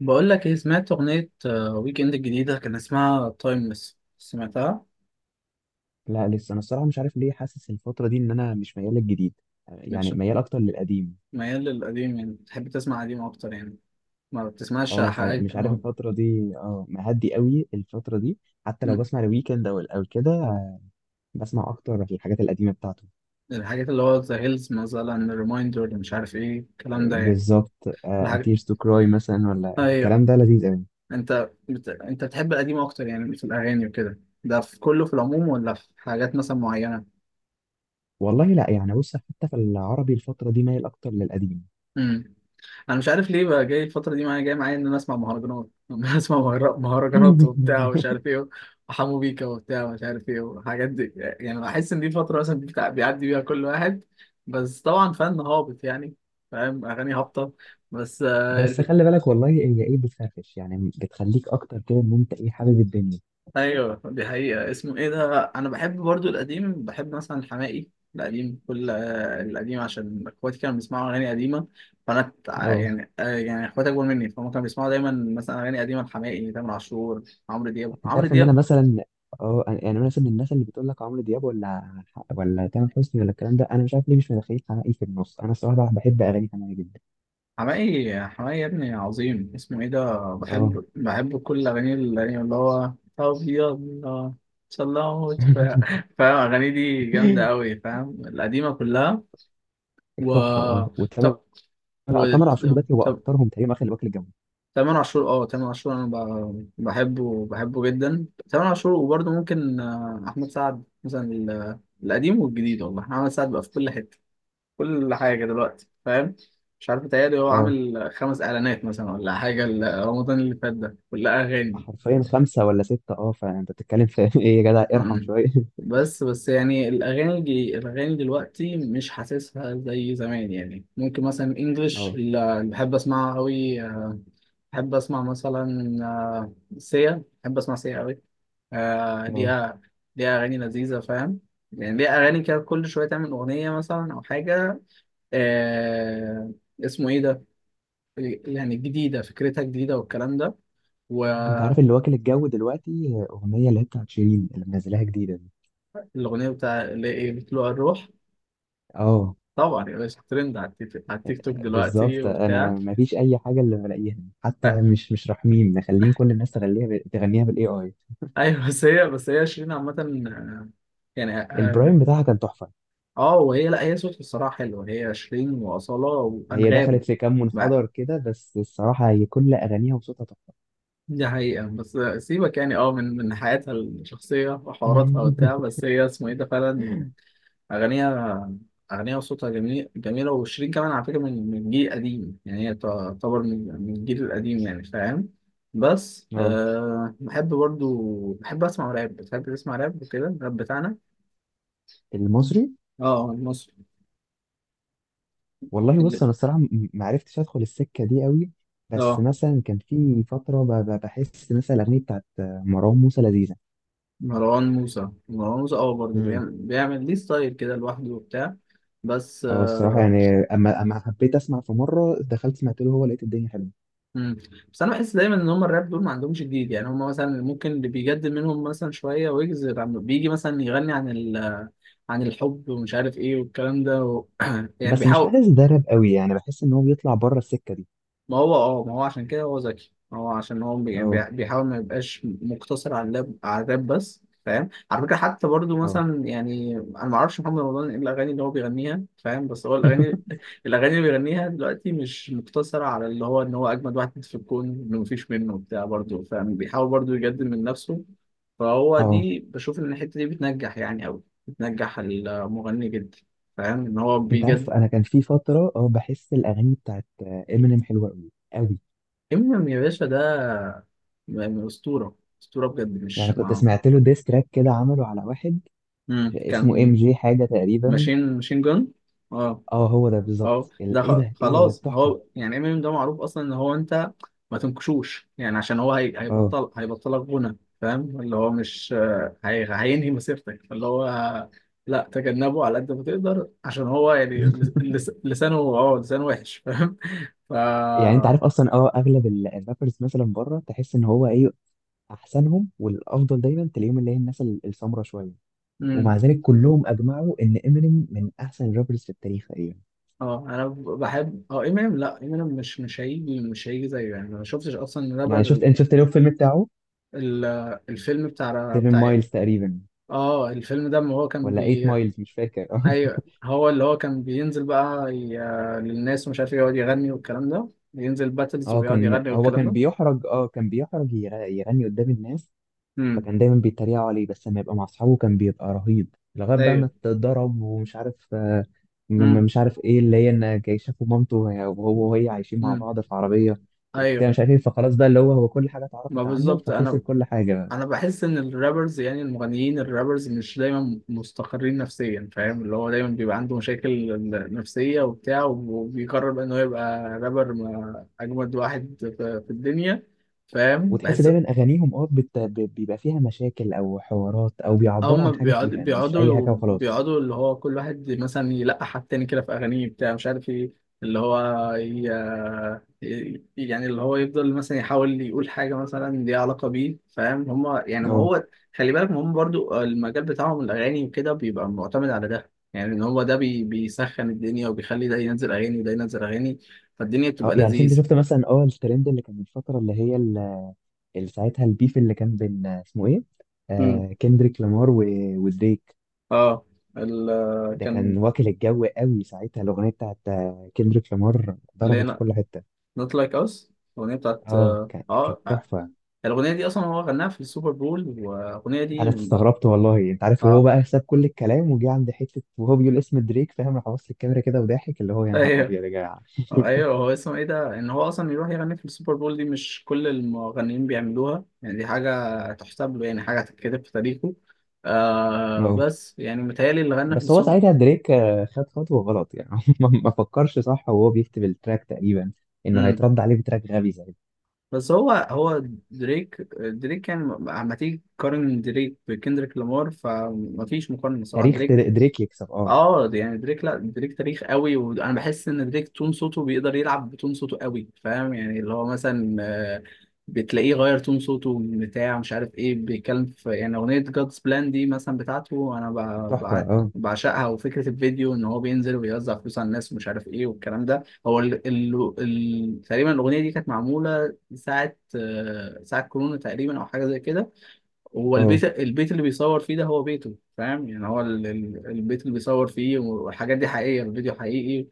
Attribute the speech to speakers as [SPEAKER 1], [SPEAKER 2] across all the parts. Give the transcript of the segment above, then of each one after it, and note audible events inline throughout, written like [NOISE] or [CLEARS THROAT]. [SPEAKER 1] بقول لك ايه، سمعت اغنيه ويك اند الجديده كان اسمها تايمليس؟ سمعتها؟
[SPEAKER 2] لا، لسه انا الصراحه مش عارف ليه حاسس الفتره دي ان انا مش ميال للجديد.
[SPEAKER 1] مش
[SPEAKER 2] يعني ميال اكتر للقديم.
[SPEAKER 1] ميال للقديم، يعني بتحب تسمع قديم اكتر يعني؟ ما بتسمعش
[SPEAKER 2] اه،
[SPEAKER 1] حاجه
[SPEAKER 2] فمش عارف
[SPEAKER 1] ما...
[SPEAKER 2] الفتره دي اه مهدي قوي الفتره دي. حتى لو
[SPEAKER 1] م-
[SPEAKER 2] بسمع الويكند او كده، بسمع اكتر في الحاجات القديمه بتاعته.
[SPEAKER 1] الحاجات اللي هو ذا هيلز مثلا، ريمايندر، مش عارف ايه الكلام ده يعني.
[SPEAKER 2] بالظبط،
[SPEAKER 1] الحاجة.
[SPEAKER 2] اتيرز تو كراي مثلا ولا
[SPEAKER 1] ايوه.
[SPEAKER 2] الكلام ده لذيذ قوي.
[SPEAKER 1] انت بتحب القديم اكتر يعني، في الاغاني وكده ده، في كله في العموم ولا في حاجات مثلا معينه؟
[SPEAKER 2] والله لا، يعني بص، حتى في العربي الفتره دي مايل اكتر للقديم.
[SPEAKER 1] امم انا مش عارف ليه بقى، جاي الفتره دي معايا، جاي معايا ان انا اسمع مهرجانات [LAUGHS] ان انا اسمع مهرجانات وبتاع ومش
[SPEAKER 2] [LAUGHS]
[SPEAKER 1] عارف ايه، وحمو بيكا وبتاع ومش عارف ايه والحاجات دي، يعني بحس ان دي فتره مثلا بيعدي بيها كل واحد. بس طبعا فن هابط يعني، فاهم؟ اغاني هابطه بس.
[SPEAKER 2] بس خلي بالك، والله هي ايه بتفرفش، يعني بتخليك اكتر كده ان انت ايه حابب الدنيا.
[SPEAKER 1] ايوه دي حقيقة، اسمه ايه ده، انا بحب برضو القديم، بحب مثلا الحماقي القديم كل القديم عشان اخواتي كانوا بيسمعوا اغاني قديمة. فانا
[SPEAKER 2] اه،
[SPEAKER 1] يعني يعني اخواتي اكبر مني فهم كانوا بيسمعوا دايما مثلا اغاني قديمة، الحماقي، تامر عاشور، عمرو دياب
[SPEAKER 2] انت
[SPEAKER 1] عمرو
[SPEAKER 2] عارف ان انا
[SPEAKER 1] دياب.
[SPEAKER 2] مثلا. اه، يعني انا مثلا من الناس اللي بتقول لك عمرو دياب ولا تامر حسني ولا الكلام ده. انا مش عارف ليه مش متخيل حماقي في النص. انا الصراحه بحب اغاني حماقي جدا.
[SPEAKER 1] حماقي حماقي يا ابني عظيم، اسمه ايه ده،
[SPEAKER 2] اه.
[SPEAKER 1] بحب كل اغاني القديمة اللي هو، طب يلا، صلوت فاهم، اغاني دي جامدة قوي،
[SPEAKER 2] [LAUGHS]
[SPEAKER 1] فاهم؟ القديمة كلها. و
[SPEAKER 2] تحفه. اه، وتامر.
[SPEAKER 1] طب و...
[SPEAKER 2] تامر عاشور دلوقتي هو
[SPEAKER 1] طب
[SPEAKER 2] اكترهم تقريبا، واخد واكل الجو.
[SPEAKER 1] تامر عاشور، اه تامر عاشور، انا بحبه جدا تامر عاشور، وبرضه ممكن احمد سعد مثلا القديم والجديد، والله احمد سعد بقى في كل حته، كل حاجه دلوقتي فاهم. مش عارف متهيألي هو
[SPEAKER 2] اه،
[SPEAKER 1] عامل خمس اعلانات مثلا ولا حاجه، رمضان اللي فات ده كلها اغاني.
[SPEAKER 2] حرفيا خمسه ولا سته. اه، فانت بتتكلم في [LAUGHS] ايه يا جدع، ارحم
[SPEAKER 1] م-م.
[SPEAKER 2] شويه. [LAUGHS]
[SPEAKER 1] بس بس يعني الاغاني الاغاني دلوقتي مش حاسسها زي زمان، يعني ممكن مثلا انجلش
[SPEAKER 2] اه.
[SPEAKER 1] اللي بحب اسمعها قوي، بحب اسمع مثلا سيا، بحب اسمع سيا قوي. آه
[SPEAKER 2] اه،
[SPEAKER 1] ليها ليها أغاني لذيذة فاهم، يعني ليها أغاني كده، كل شوية تعمل أغنية مثلا أو حاجة. آه اسمه إيه ده، يعني جديدة، فكرتها جديدة والكلام ده،
[SPEAKER 2] انت عارف اللي
[SPEAKER 1] والأغنية
[SPEAKER 2] واكل الجو دلوقتي اغنيه اللي هي بتاعت شيرين، اللي منزلاها جديده دي.
[SPEAKER 1] بتاع اللي إيه، بتلوع الروح؟
[SPEAKER 2] اه،
[SPEAKER 1] طبعا يا باشا، ترند على التيك توك دلوقتي
[SPEAKER 2] بالظبط. انا
[SPEAKER 1] وبتاع.
[SPEAKER 2] ما فيش اي حاجه اللي بلاقيها.
[SPEAKER 1] آه،
[SPEAKER 2] حتى مش رحمين، مخلين كل الناس تغنيها بالاي اي.
[SPEAKER 1] أيوه [LAUGHS] بس هي شيرين عامة، آه، يعني
[SPEAKER 2] البرايم بتاعها كان تحفه.
[SPEAKER 1] لا، هي صوتها الصراحة حلو، هي شيرين وأصالة
[SPEAKER 2] هي
[SPEAKER 1] وأنغام.
[SPEAKER 2] دخلت في كام منحدر كده، بس الصراحه هي كل اغانيها وصوتها تحفه.
[SPEAKER 1] دي حقيقة بس سيبك يعني، اه، من حياتها الشخصية وحواراتها وبتاع،
[SPEAKER 2] [LAUGHS]
[SPEAKER 1] بس هي اسمه ايه ده فعلا، أغانيها أغانيها وصوتها جميل، جميلة، وشيرين كمان على فكرة من جيل قديم، يعني هي تعتبر من الجيل القديم، يعني فاهم. بس
[SPEAKER 2] اه،
[SPEAKER 1] بحب برضو، بحب أسمع راب، بتحب تسمع راب وكده، الراب بتاعنا.
[SPEAKER 2] المصري.
[SPEAKER 1] اه المصري
[SPEAKER 2] والله
[SPEAKER 1] اللي-
[SPEAKER 2] بص، انا الصراحه ما عرفتش ادخل السكه دي قوي. بس
[SPEAKER 1] اه
[SPEAKER 2] مثلا كان في فتره بحس مثلا الاغنيه بتاعت مروان موسى لذيذه.
[SPEAKER 1] مروان موسى اه، برضه
[SPEAKER 2] مم.
[SPEAKER 1] بيعمل ليه ستايل كده لوحده وبتاع. بس
[SPEAKER 2] اه، الصراحه يعني اما حبيت اسمع في مره دخلت سمعت له هو، لقيت الدنيا حلوه.
[SPEAKER 1] مم. بس انا بحس دايما ان هم الراب دول ما عندهمش جديد، يعني هم مثلا ممكن اللي بيجدد منهم مثلا شويه، ويجز بيجي مثلا يغني عن عن الحب ومش عارف ايه والكلام ده [CLEARS THROAT] يعني
[SPEAKER 2] بس مش
[SPEAKER 1] بيحاول.
[SPEAKER 2] حاسس ده راب قوي، يعني بحس ان هو بيطلع بره السكه دي.
[SPEAKER 1] ما هو عشان كده هو ذكي، ما هو عشان هو يعني
[SPEAKER 2] اه.
[SPEAKER 1] بيحاول ما يبقاش مقتصر على الراب بس، فاهم على فكره، حتى برضو
[SPEAKER 2] اه.
[SPEAKER 1] مثلا، يعني انا ما اعرفش محمد رمضان ايه الاغاني اللي هو بيغنيها فاهم، بس هو الاغاني
[SPEAKER 2] [LAUGHS]
[SPEAKER 1] [LAUGHS] الاغاني اللي بيغنيها دلوقتي مش مقتصره على اللي هو ان هو اجمد واحد في الكون، انه مفيش منه بتاع برضو فاهم، بيحاول برضو يجدد من نفسه. فهو
[SPEAKER 2] اه،
[SPEAKER 1] دي بشوف ان الحته دي بتنجح يعني قوي، بتنجح المغني جدا، فاهم ان هو
[SPEAKER 2] انت عارف
[SPEAKER 1] بيجدد.
[SPEAKER 2] انا كان في فتره اه بحس الاغاني بتاعت امينيم حلوه قوي قوي.
[SPEAKER 1] امينيم يا باشا ده يعني اسطوره، اسطوره بجد،
[SPEAKER 2] يعني
[SPEAKER 1] مش
[SPEAKER 2] كنت
[SPEAKER 1] مع.
[SPEAKER 2] سمعت له ديس تراك كده عمله على واحد
[SPEAKER 1] مم.
[SPEAKER 2] اسمه ام
[SPEAKER 1] كان
[SPEAKER 2] جي حاجه تقريبا.
[SPEAKER 1] ماشين جون اه.
[SPEAKER 2] اه، هو ده
[SPEAKER 1] اه
[SPEAKER 2] بالظبط
[SPEAKER 1] ده
[SPEAKER 2] ايه ده ايه ده
[SPEAKER 1] خلاص،
[SPEAKER 2] تحفه.
[SPEAKER 1] هو يعني امينيم ده معروف اصلا ان هو انت ما تنكشوش، يعني عشان هو هي...
[SPEAKER 2] اه.
[SPEAKER 1] هيبطل هيبطلك غنى فاهم، اللي هو مش هينهي مسيرتك، اللي هو لا، تجنبه على قد ما تقدر عشان هو يعني
[SPEAKER 2] [LAUGHS]
[SPEAKER 1] لسانه، اه لسانه وحش فاهم. ف
[SPEAKER 2] يعني انت عارف اصلا اه اغلب الرابرز مثلا بره تحس ان هو ايه، احسنهم والافضل دايما تلاقيهم اللي هي الناس السمره شويه.
[SPEAKER 1] مم.
[SPEAKER 2] ومع ذلك كلهم اجمعوا ان امينيم من احسن الرابرز في التاريخ تقريبا.
[SPEAKER 1] اه، انا بحب اه امينيم، لا، امينيم مش مش هيجي زيه، يعني أنا ما شفتش اصلا
[SPEAKER 2] يعني شفت،
[SPEAKER 1] رابر.
[SPEAKER 2] انت شفت له الفيلم بتاعه
[SPEAKER 1] ال... الفيلم بتاع
[SPEAKER 2] 7 مايلز تقريبا
[SPEAKER 1] اه، الفيلم ده ما هو كان
[SPEAKER 2] ولا 8 مايلز مش فاكر. [LAUGHS] اه.
[SPEAKER 1] ايوه، هو اللي هو كان بينزل بقى للناس ومش عارف إيه، يقعد يغني والكلام ده، بينزل باتلز
[SPEAKER 2] اه،
[SPEAKER 1] ويقعد
[SPEAKER 2] كان
[SPEAKER 1] يغني
[SPEAKER 2] هو
[SPEAKER 1] والكلام
[SPEAKER 2] كان
[SPEAKER 1] ده.
[SPEAKER 2] بيحرج، اه كان بيحرج يغني قدام الناس.
[SPEAKER 1] امم.
[SPEAKER 2] فكان دايما بيتريقوا عليه، بس لما يبقى مع اصحابه كان بيبقى رهيب، لغايه بقى ما
[SPEAKER 1] ايوه.
[SPEAKER 2] اتضرب ومش عارف،
[SPEAKER 1] امم.
[SPEAKER 2] مش عارف ايه اللي هي ان جاي شافوا مامته وهو وهي عايشين مع
[SPEAKER 1] امم.
[SPEAKER 2] بعض في عربيه وبتاع
[SPEAKER 1] ايوه.
[SPEAKER 2] مش عارف ايه. فخلاص بقى اللي هو كل حاجه
[SPEAKER 1] ما
[SPEAKER 2] اتعرفت عنه
[SPEAKER 1] بالظبط
[SPEAKER 2] فخسر
[SPEAKER 1] انا
[SPEAKER 2] كل حاجه.
[SPEAKER 1] انا بحس ان الرابرز، يعني المغنيين الرابرز مش دايما مستقرين نفسيا فاهم، اللي هو دايما بيبقى عنده مشاكل نفسية وبتاع، وبيقرر بقى ان هو يبقى رابر، اجمد واحد في الدنيا، فاهم،
[SPEAKER 2] وتحس
[SPEAKER 1] بحس.
[SPEAKER 2] دايما اغانيهم اه بيبقى فيها مشاكل او حوارات، او بيعبروا
[SPEAKER 1] هم
[SPEAKER 2] عن حاجه
[SPEAKER 1] بيقعدوا
[SPEAKER 2] فيها، مش اي
[SPEAKER 1] بيقعدوا
[SPEAKER 2] حاجه وخلاص.
[SPEAKER 1] بيقعدوا اللي هو كل واحد مثلا يلقح على التاني كده في أغانيه بتاع مش عارف ايه، اللي هو يعني اللي هو يفضل مثلا يحاول يقول حاجة مثلا ليها علاقة بيه فاهم. هم يعني ما
[SPEAKER 2] اه.
[SPEAKER 1] هو، خلي بالك ما هم برضو المجال بتاعهم الأغاني وكده، بيبقى معتمد على ده، يعني إن هو ده بيسخن الدنيا وبيخلي ده ينزل أغاني وده ينزل أغاني، فالدنيا
[SPEAKER 2] اه،
[SPEAKER 1] بتبقى
[SPEAKER 2] يعني انت
[SPEAKER 1] لذيذ.
[SPEAKER 2] شفت مثلا اه الترند اللي كان من فتره، اللي هي اللي ساعتها البيف اللي كان بين اسمه ايه،
[SPEAKER 1] امم.
[SPEAKER 2] كندريك لامار ودريك.
[SPEAKER 1] اه ال...
[SPEAKER 2] ده كان
[SPEAKER 1] كان
[SPEAKER 2] واكل الجو قوي ساعتها. الاغنيه بتاعت كندريك لامار
[SPEAKER 1] اللي هي
[SPEAKER 2] ضربت في كل حته.
[SPEAKER 1] Not Like Us، الأغنية بتاعت.
[SPEAKER 2] اه، كانت
[SPEAKER 1] اه،
[SPEAKER 2] تحفه.
[SPEAKER 1] الأغنية دي أصلا هو غناها في السوبر بول، والأغنية
[SPEAKER 2] انا
[SPEAKER 1] دي
[SPEAKER 2] استغربت والله. انت عارف، وهو
[SPEAKER 1] اه،
[SPEAKER 2] بقى ساب كل الكلام وجه عند حته وهو بيقول اسم دريك، فاهم، راح بص الكاميرا كده وضاحك، اللي هو يا نهار
[SPEAKER 1] أيوه،
[SPEAKER 2] ابيض يا جدع.
[SPEAKER 1] أيوه، هو اسمه إيه ده؟ إن هو أصلا يروح يغني في السوبر بول دي، مش كل المغنيين بيعملوها، يعني دي حاجة تحسب له، يعني حاجة هتتكتب في تاريخه.
[SPEAKER 2] اه،
[SPEAKER 1] بس يعني متهيألي اللي غنى في
[SPEAKER 2] بس هو
[SPEAKER 1] السوبر.
[SPEAKER 2] ساعتها دريك خد خطوة غلط يعني. [LAUGHS] ما فكرش صح وهو بيكتب التراك تقريبا انه
[SPEAKER 1] مم.
[SPEAKER 2] هيترد عليه بتراك غبي زي ده.
[SPEAKER 1] بس هو دريك يعني أما تيجي تقارن دريك بكندريك لامار فمفيش مقارنة صراحة،
[SPEAKER 2] تاريخ
[SPEAKER 1] دريك.
[SPEAKER 2] دريك يكسب. اه،
[SPEAKER 1] اه يعني دريك، لا، دريك تاريخ قوي، وانا بحس ان دريك تون صوته، بيقدر يلعب بتون صوته قوي، فاهم يعني اللي هو مثلا بتلاقيه غير تون صوته من بتاع مش عارف ايه، بيتكلم في يعني اغنيه جادز بلان دي مثلا بتاعته، انا
[SPEAKER 2] تحفة. اه.
[SPEAKER 1] بعشقها، وفكره الفيديو ان هو بينزل ويوزع فلوس على الناس ومش عارف ايه والكلام ده، هو تقريبا الاغنيه دي كانت معموله ساعه كورونا تقريبا او حاجه زي كده. هو
[SPEAKER 2] اه،
[SPEAKER 1] البيت اللي بيصور فيه ده هو بيته فاهم، يعني هو البيت اللي بيصور فيه والحاجات دي حقيقية، الفيديو حقيقي.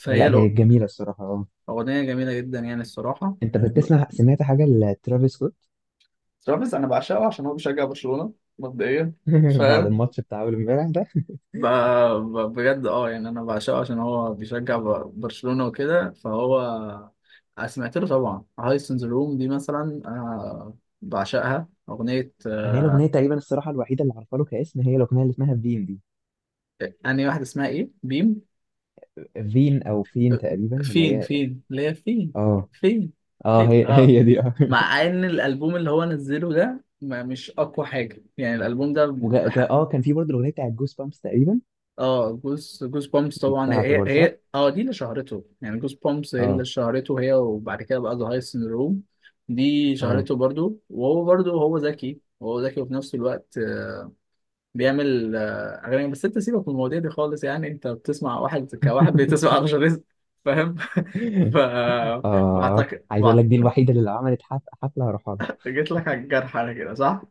[SPEAKER 1] فهي
[SPEAKER 2] لا هي
[SPEAKER 1] الأغ-
[SPEAKER 2] جميلة الصراحة. اه،
[SPEAKER 1] الأغنية جميلة جدا يعني الصراحة.
[SPEAKER 2] انت
[SPEAKER 1] ب-
[SPEAKER 2] بتسمع، سمعت حاجة لترافيس سكوت؟
[SPEAKER 1] ترافيس انا بعشقه عشان هو بيشجع برشلونة مبدئيا
[SPEAKER 2] [LAUGHS] بعد
[SPEAKER 1] فاهم.
[SPEAKER 2] الماتش بتاع اول امبارح ده.
[SPEAKER 1] ب- بجد اه، يعني أنا بعشقه عشان هو بيشجع برشلونة وكده، فهو سمعت له طبعا هايس ان ذا روم دي مثلا، أنا بعشقها أغنية.
[SPEAKER 2] انا هي الاغنية تقريبا الصراحة الوحيدة اللي عارفة له كاسم هي الاغنية اللي اسمها فين دي.
[SPEAKER 1] أنهي واحدة اسمها إيه؟ بيم،
[SPEAKER 2] فين او فين تقريبا اللي
[SPEAKER 1] فين،
[SPEAKER 2] هي.
[SPEAKER 1] اللي هي فين،
[SPEAKER 2] اه.
[SPEAKER 1] فين فين
[SPEAKER 2] اه، هي
[SPEAKER 1] اه.
[SPEAKER 2] هي دي اه.
[SPEAKER 1] مع
[SPEAKER 2] [LAUGHS]
[SPEAKER 1] ان الالبوم اللي هو نزله ده ما مش اقوى حاجه يعني، الالبوم ده. بح-
[SPEAKER 2] اه كان في برضه الاغنية بتاعت جوز بامبس تقريبا.
[SPEAKER 1] اه، جوز بومبس
[SPEAKER 2] دي
[SPEAKER 1] طبعا،
[SPEAKER 2] بتاعته
[SPEAKER 1] هي
[SPEAKER 2] برضه صح؟
[SPEAKER 1] هي اه دي اللي شهرته، يعني جوز بومبس هي اللي
[SPEAKER 2] اه.
[SPEAKER 1] شهرته، هي وبعد كده بقى ذا هاي سيندروم، دي
[SPEAKER 2] اه.
[SPEAKER 1] شهرته برضو، وهو برضو هو ذكي، هو ذكي وفي نفس الوقت بيعمل اغاني. بس انت سيبك من المواضيع دي خالص، يعني انت بتسمع واحد كواحد، بتسمع رشا رزق فاهم؟ [LAUGHS] ف
[SPEAKER 2] [LAUGHS] اه،
[SPEAKER 1] بعتقد
[SPEAKER 2] عايز اقول لك دي
[SPEAKER 1] بعتقد
[SPEAKER 2] الوحيده اللي لو عملت حفله هروح لها.
[SPEAKER 1] جيت لك على الجرح انا، كده صح؟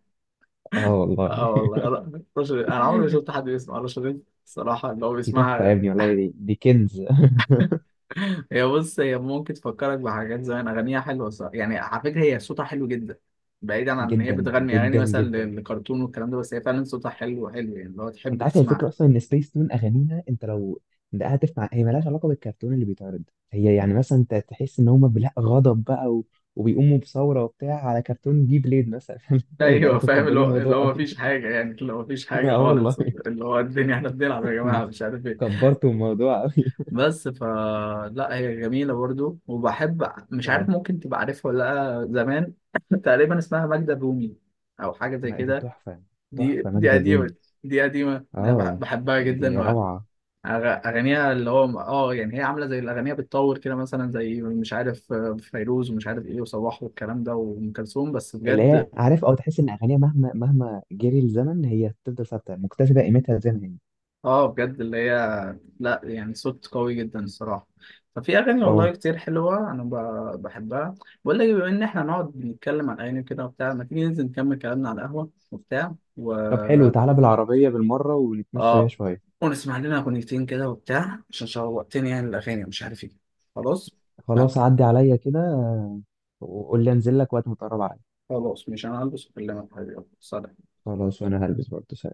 [SPEAKER 2] اه والله
[SPEAKER 1] اه والله، لا، رشا رزق. انا عمري ما شفت حد بيسمع رشا رزق الصراحة، اللي هو
[SPEAKER 2] دي تحفه يا
[SPEAKER 1] بيسمعها.
[SPEAKER 2] ابني. والله دي كنز. [LAUGHS]
[SPEAKER 1] هي، بص، هي ممكن تفكرك بحاجات زمان، أغانيها حلوة الصراحة. يعني على فكرة هي صوتها حلو جدا، بعيدا عن إن هي
[SPEAKER 2] جدا
[SPEAKER 1] بتغني أغاني
[SPEAKER 2] جدا
[SPEAKER 1] مثلا
[SPEAKER 2] جدا.
[SPEAKER 1] للكرتون والكلام ده، بس هي فعلا صوتها حلو حلو، يعني اللي هو تحب
[SPEAKER 2] انت عارف الفكره
[SPEAKER 1] تسمعها.
[SPEAKER 2] اصلا ان سبيس تون اغانيها، انت لو دققت في، هي مالهاش علاقه بالكرتون اللي بيتعرض. هي يعني مثلا انت تحس ان هم بلا غضب بقى و... وبيقوموا بثوره وبتاع على كرتون جي بليد مثلا. [LAUGHS] يا جدعان
[SPEAKER 1] ايوه
[SPEAKER 2] انتوا
[SPEAKER 1] فاهم، اللي
[SPEAKER 2] مكبرين
[SPEAKER 1] هو اللي
[SPEAKER 2] الموضوع
[SPEAKER 1] هو
[SPEAKER 2] قوي.
[SPEAKER 1] مفيش حاجه يعني، اللي هو مفيش
[SPEAKER 2] [LAUGHS]
[SPEAKER 1] حاجه
[SPEAKER 2] اه والله.
[SPEAKER 1] خالص، اللي هو الدنيا احنا بنلعب يا جماعه
[SPEAKER 2] [LAUGHS]
[SPEAKER 1] مش عارف ايه.
[SPEAKER 2] كبرتوا الموضوع قوي.
[SPEAKER 1] بس لا، هي جميله
[SPEAKER 2] [LAUGHS]
[SPEAKER 1] برضو وبحب، مش عارف
[SPEAKER 2] اه،
[SPEAKER 1] ممكن تبقى عارفها ولا. لا زمان [LAUGHS] تقريبا اسمها ماجدة الرومي او حاجه زي
[SPEAKER 2] ما دي
[SPEAKER 1] كده.
[SPEAKER 2] تحفه.
[SPEAKER 1] دي
[SPEAKER 2] تحفه
[SPEAKER 1] دي
[SPEAKER 2] ماجدة
[SPEAKER 1] قديمه،
[SPEAKER 2] الرومي.
[SPEAKER 1] دي قديمه، انا
[SPEAKER 2] اه،
[SPEAKER 1] بحبها جدا،
[SPEAKER 2] دي روعة.
[SPEAKER 1] اغانيها اللي هو اه، يعني هي عامله زي الاغنيه بتطور كده، مثلا زي مش عارف فيروز ومش عارف ايه، وصباح والكلام ده، وام كلثوم، بس
[SPEAKER 2] اللي هي،
[SPEAKER 1] بجد.
[SPEAKER 2] عارف، او تحس ان اغانيها مهما مهما جري الزمن هي تفضل ثابتة مكتسبة قيمتها زي ما هي.
[SPEAKER 1] اه بجد اللي هي، لا يعني صوت قوي جدا الصراحة. ففي أغاني والله
[SPEAKER 2] اه،
[SPEAKER 1] كتير حلوة، أنا بحبها. بقول لك، بما إن إحنا نقعد نتكلم عن أغاني كده وبتاع، ما تيجي ننزل نكمل كلامنا على القهوة وبتاع، و
[SPEAKER 2] طب حلو، تعالى بالعربية بالمرة ونتمشى بيها
[SPEAKER 1] اه
[SPEAKER 2] شوية.
[SPEAKER 1] ونسمع لنا أغنيتين كده وبتاع عشان شوقتني، يعني الأغاني ومش عارف إيه، خلاص. آه،
[SPEAKER 2] خلاص، عدي عليا كده وقول لي انزل لك وقت ما تقرب عليا.
[SPEAKER 1] خلاص مش أنا هلبس وأكلمك حبيبي، يلا، سلام.
[SPEAKER 2] خلاص، وانا هلبس برضه.